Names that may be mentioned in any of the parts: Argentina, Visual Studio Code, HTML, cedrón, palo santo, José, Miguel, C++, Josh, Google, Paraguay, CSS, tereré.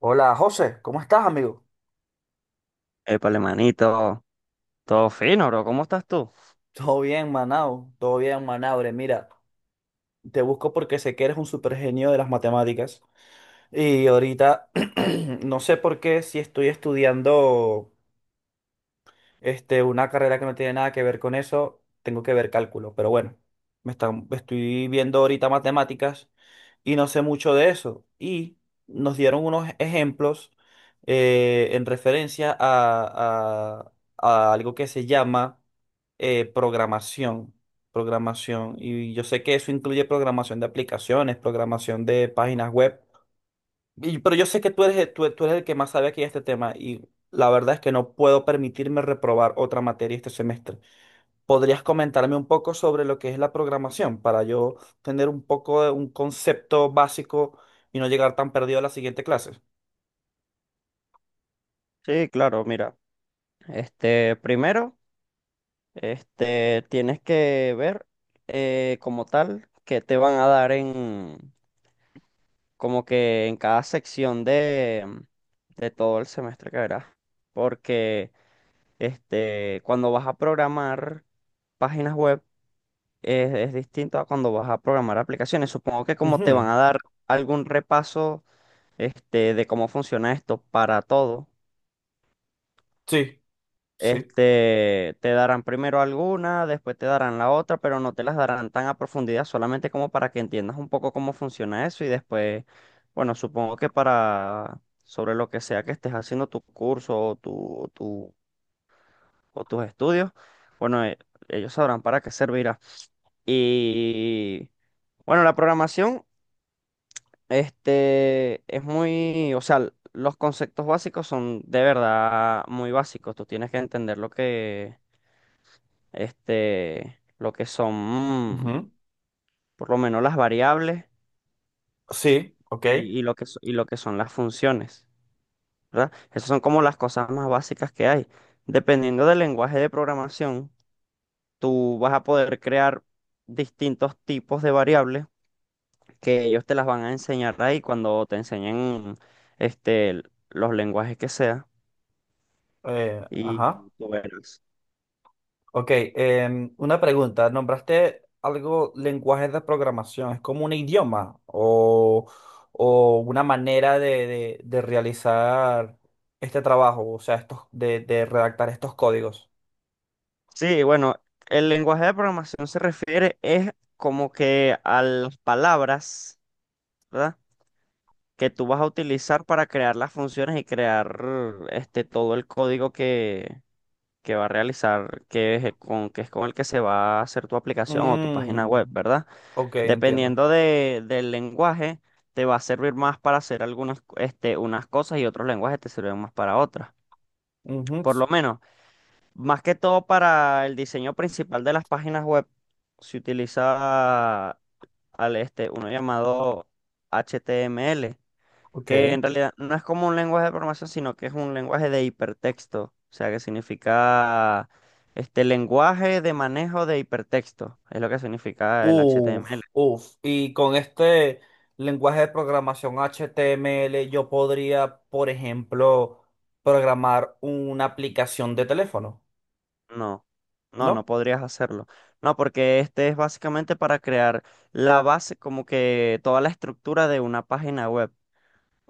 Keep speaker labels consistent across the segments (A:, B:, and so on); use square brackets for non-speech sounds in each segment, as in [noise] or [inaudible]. A: Hola José, ¿cómo estás, amigo?
B: Épale, manito, todo fino, bro. ¿Cómo estás tú?
A: Todo bien, Manao, todo bien, Manabre. Mira, te busco porque sé que eres un super genio de las matemáticas. Y ahorita [clears throat] no sé por qué, si estoy estudiando una carrera que no tiene nada que ver con eso, tengo que ver cálculo. Pero bueno, estoy viendo ahorita matemáticas y no sé mucho de eso. Y nos dieron unos ejemplos en referencia a algo que se llama programación. Programación. Y yo sé que eso incluye programación de aplicaciones, programación de páginas web. Pero yo sé que tú eres el que más sabe aquí de este tema y la verdad es que no puedo permitirme reprobar otra materia este semestre. ¿Podrías comentarme un poco sobre lo que es la programación para yo tener un poco de un concepto básico y no llegar tan perdido a la siguiente clase?
B: Sí, claro, mira. Primero, tienes que ver como tal que te van a dar en, como que en cada sección de todo el semestre que verás. Porque, cuando vas a programar páginas web es distinto a cuando vas a programar aplicaciones. Supongo que como te van
A: Ujú.
B: a dar algún repaso, de cómo funciona esto para todo.
A: Sí, sí.
B: Te darán primero alguna, después te darán la otra, pero no te las darán tan a profundidad, solamente como para que entiendas un poco cómo funciona eso y después, bueno, supongo que para sobre lo que sea que estés haciendo tu curso o o tus estudios, bueno, ellos sabrán para qué servirá. Y bueno, la programación, es muy, o sea, los conceptos básicos son de verdad muy básicos, tú tienes que entender lo que lo que son,
A: Ujú.
B: por lo menos las variables
A: Sí, ok.
B: y lo que, y lo que son las funciones, ¿verdad? Esas son como las cosas más básicas que hay. Dependiendo del lenguaje de programación, tú vas a poder crear distintos tipos de variables que ellos te las van a enseñar ahí cuando te enseñen este, l- los lenguajes que sea y
A: Ajá.
B: tú verás.
A: Ok, una pregunta. ¿Nombraste algo lenguajes de programación? ¿Es como un idioma o una manera de realizar este trabajo? O sea, estos, de redactar estos códigos.
B: Sí, bueno, el lenguaje de programación se refiere es como que a las palabras. ¿Verdad? Que tú vas a utilizar para crear las funciones y crear este todo el código que va a realizar, que es el con, que es con el que se va a hacer tu aplicación o tu página web,
A: Mm,
B: ¿verdad?
A: ok, entiendo.
B: Dependiendo de, del lenguaje, te va a servir más para hacer algunas, unas cosas y otros lenguajes te sirven más para otras.
A: Ujú.
B: Por lo menos, más que todo para el diseño principal de las páginas web, se utiliza al, uno llamado HTML,
A: Ok.
B: que en realidad no es como un lenguaje de programación, sino que es un lenguaje de hipertexto, o sea, que significa este lenguaje de manejo de hipertexto, es lo que significa el HTML.
A: Uf, uf. Y con este lenguaje de programación HTML, yo podría, por ejemplo, programar una aplicación de teléfono.
B: No, no, no
A: ¿No?
B: podrías hacerlo. No, porque este es básicamente para crear la base, como que toda la estructura de una página web.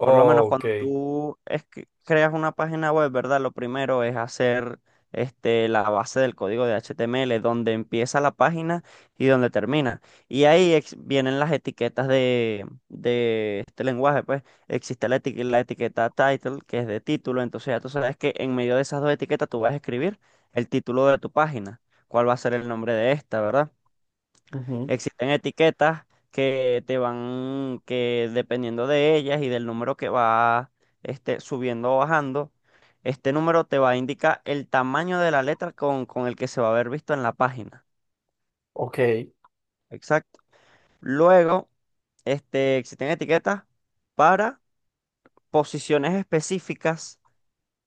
B: Por lo menos cuando tú es que creas una página web, ¿verdad? Lo primero es hacer la base del código de HTML, donde empieza la página y donde termina. Y ahí vienen las etiquetas de este lenguaje, pues existe la, la etiqueta title, que es de título, entonces ya tú sabes que en medio de esas dos etiquetas tú vas a escribir el título de tu página, cuál va a ser el nombre de esta, ¿verdad?
A: Ujú.
B: Existen etiquetas que te van, que dependiendo de ellas y del número que va subiendo o bajando, este número te va a indicar el tamaño de la letra con el que se va a haber visto en la página.
A: Ok.
B: Exacto. Luego, existen etiquetas para posiciones específicas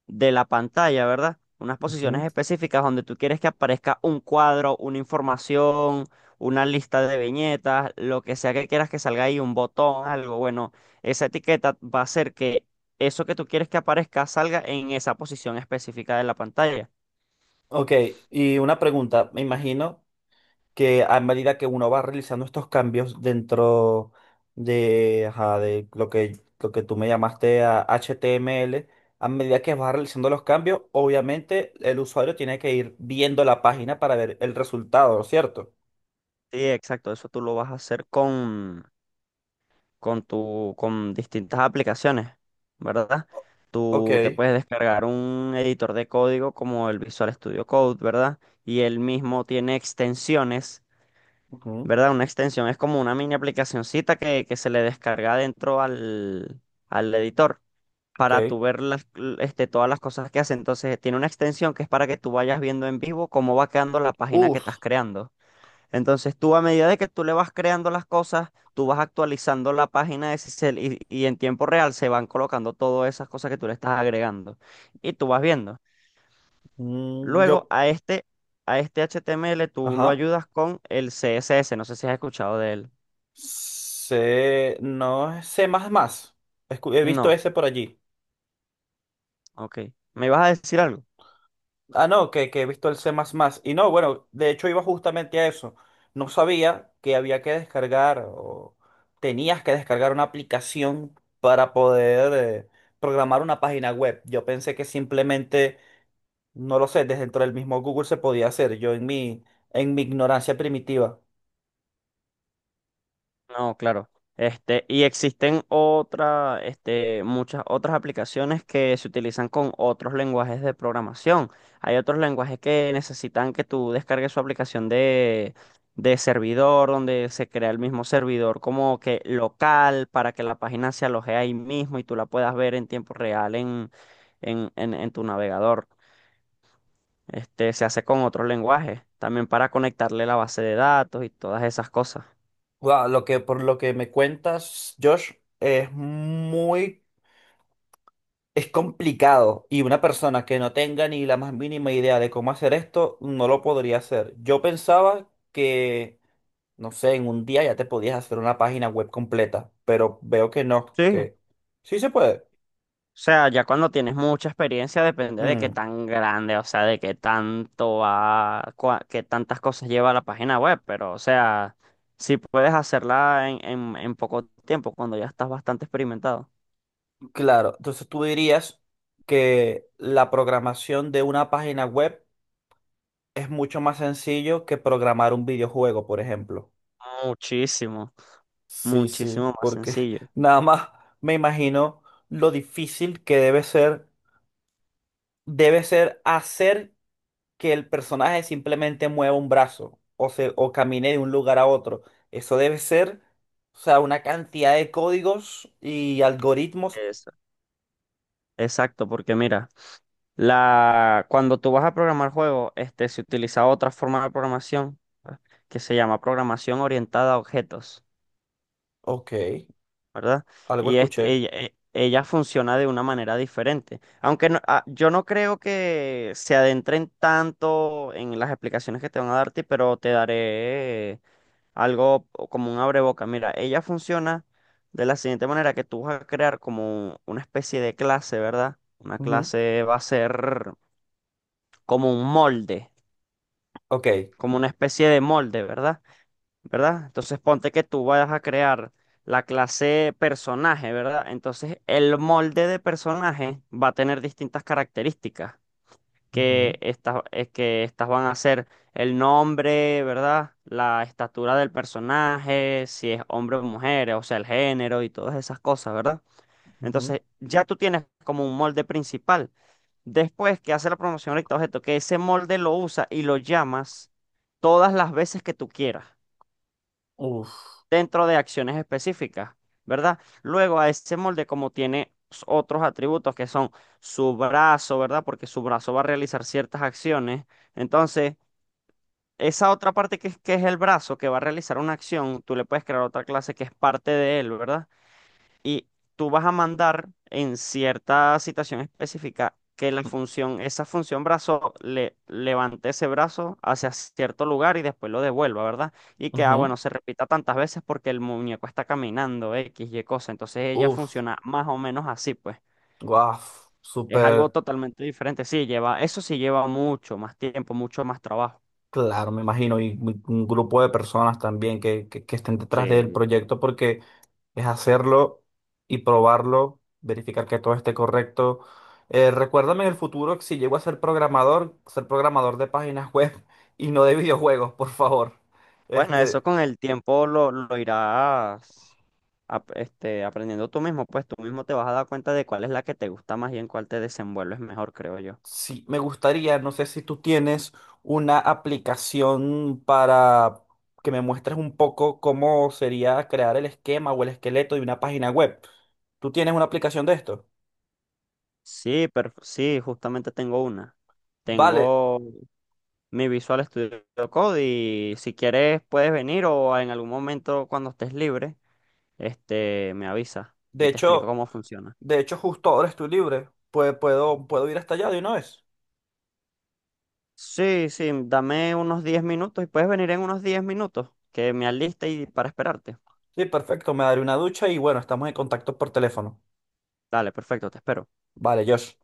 B: de la pantalla, ¿verdad? Unas posiciones
A: Ujú.
B: específicas donde tú quieres que aparezca un cuadro, una información, una lista de viñetas, lo que sea que quieras que salga ahí, un botón, algo. Bueno, esa etiqueta va a hacer que eso que tú quieres que aparezca salga en esa posición específica de la pantalla.
A: Ok, y una pregunta, me imagino que a medida que uno va realizando estos cambios dentro de, ajá, lo que tú me llamaste a HTML, a medida que vas realizando los cambios, obviamente el usuario tiene que ir viendo la página para ver el resultado, ¿cierto?
B: Sí, exacto, eso tú lo vas a hacer con tu, con distintas aplicaciones, ¿verdad?
A: Ok,
B: Tú te puedes descargar un editor de código como el Visual Studio Code, ¿verdad? Y él mismo tiene extensiones,
A: ujú,
B: ¿verdad? Una extensión es como una mini aplicacioncita que se le descarga dentro al, al editor
A: ok.
B: para tú ver las, todas las cosas que hace. Entonces, tiene una extensión que es para que tú vayas viendo en vivo cómo va quedando la página que
A: Uf.
B: estás creando. Entonces tú a medida de que tú le vas creando las cosas, tú vas actualizando la página de Sisel y en tiempo real se van colocando todas esas cosas que tú le estás agregando y tú vas viendo.
A: Mm,
B: Luego
A: yo,
B: a a este HTML tú lo
A: ajá.
B: ayudas con el CSS, no sé si has escuchado de él.
A: Sé, no es C++. He visto
B: No,
A: ese por allí.
B: ok. ¿Me ibas a decir algo?
A: Ah, no, que he visto el C++. Y no, bueno, de hecho iba justamente a eso. No sabía que había que descargar o tenías que descargar una aplicación para poder eh, programar una página web. Yo pensé que simplemente, no lo sé, desde dentro del mismo Google se podía hacer. En mi ignorancia primitiva.
B: No, claro. Y existen otra, muchas otras aplicaciones que se utilizan con otros lenguajes de programación. Hay otros lenguajes que necesitan que tú descargues su aplicación de servidor, donde se crea el mismo servidor como que local para que la página se aloje ahí mismo y tú la puedas ver en tiempo real en tu navegador. Se hace con otros lenguajes, también para conectarle la base de datos y todas esas cosas.
A: Guau, por lo que me cuentas, Josh, es muy. Es complicado y una persona que no tenga ni la más mínima idea de cómo hacer esto no lo podría hacer. Yo pensaba que, no sé, en un día ya te podías hacer una página web completa, pero veo que no,
B: Sí.
A: que sí se puede.
B: O sea, ya cuando tienes mucha experiencia depende de qué
A: Mm,
B: tan grande, o sea, de qué tanto va, qué tantas cosas lleva la página web, pero o sea, si puedes hacerla en poco tiempo, cuando ya estás bastante experimentado.
A: claro, entonces tú dirías que la programación de una página web es mucho más sencillo que programar un videojuego, por ejemplo.
B: Muchísimo,
A: Sí, sí,
B: muchísimo más
A: porque [laughs]
B: sencillo.
A: nada más me imagino lo difícil que debe ser hacer que el personaje simplemente mueva un brazo o camine de un lugar a otro. Eso debe ser, o sea, una cantidad de códigos y algoritmos.
B: Eso. Exacto, porque mira, la, cuando tú vas a programar juegos, se utiliza otra forma de programación que se llama programación orientada a objetos.
A: Ok,
B: ¿Verdad?
A: algo
B: Y
A: escuché.
B: ella, ella funciona de una manera diferente. Aunque yo no creo que se adentren tanto en las explicaciones que te van a darte, pero te daré algo o como un abreboca. Mira, ella funciona de la siguiente manera, que tú vas a crear como una especie de clase, ¿verdad? Una
A: Ujú.
B: clase va a ser como un molde,
A: Ok.
B: como una especie de molde, ¿verdad? Entonces ponte que tú vayas a crear la clase personaje, ¿verdad? Entonces el molde de personaje va a tener distintas características,
A: Ujú,
B: que estas van a ser el nombre, ¿verdad? La estatura del personaje, si es hombre o mujer, o sea, el género y todas esas cosas, ¿verdad?
A: ujú.
B: Entonces ya tú tienes como un molde principal. Después que hace la promoción recta objeto, que ese molde lo usa y lo llamas todas las veces que tú quieras
A: Uf.
B: dentro de acciones específicas, ¿verdad? Luego a ese molde como tiene otros atributos que son su brazo, ¿verdad? Porque su brazo va a realizar ciertas acciones. Entonces, esa otra parte que, que es el brazo que va a realizar una acción, tú le puedes crear otra clase que es parte de él, ¿verdad? Y tú vas a mandar en cierta situación específica que la
A: Mm,
B: función, esa función brazo, le levante ese brazo hacia cierto lugar y después lo devuelva, ¿verdad? Y que,
A: ujú.
B: bueno, se repita tantas veces porque el muñeco está caminando, X, Y cosa. Entonces ella
A: Uf.
B: funciona más o menos así, pues.
A: Guau.
B: Es algo
A: Súper
B: totalmente diferente. Sí, lleva, eso sí lleva mucho más tiempo, mucho más trabajo.
A: claro, me imagino. Y un grupo de personas también que, que estén detrás del
B: Sí.
A: proyecto porque es hacerlo y probarlo, verificar que todo esté correcto. Recuérdame en el futuro que si llego a ser programador de páginas [laughs] web y no de videojuegos, por favor.
B: Bueno, eso
A: Este,
B: con el tiempo lo irás. Aprendiendo tú mismo, pues tú mismo te vas a dar cuenta de cuál es la que te gusta más y en cuál te desenvuelves mejor, creo yo.
A: sí, me gustaría, no sé si tú tienes una aplicación para que me muestres un poco cómo sería crear el esquema o el esqueleto de una página web. ¿Tú tienes una aplicación de esto?
B: Sí, pero sí, justamente tengo una.
A: Vale,
B: Tengo mi Visual Studio Code y si quieres puedes venir o en algún momento cuando estés libre, me avisas
A: de
B: y te explico
A: hecho,
B: cómo funciona.
A: de hecho justo ahora estoy libre. Puedo ir hasta allá de una vez.
B: Sí, sí, dame unos 10 minutos y puedes venir en unos 10 minutos que me aliste y para esperarte.
A: Sí, perfecto, me daré una ducha y bueno, estamos en contacto por teléfono.
B: Dale, perfecto, te espero.
A: Vale, Josh.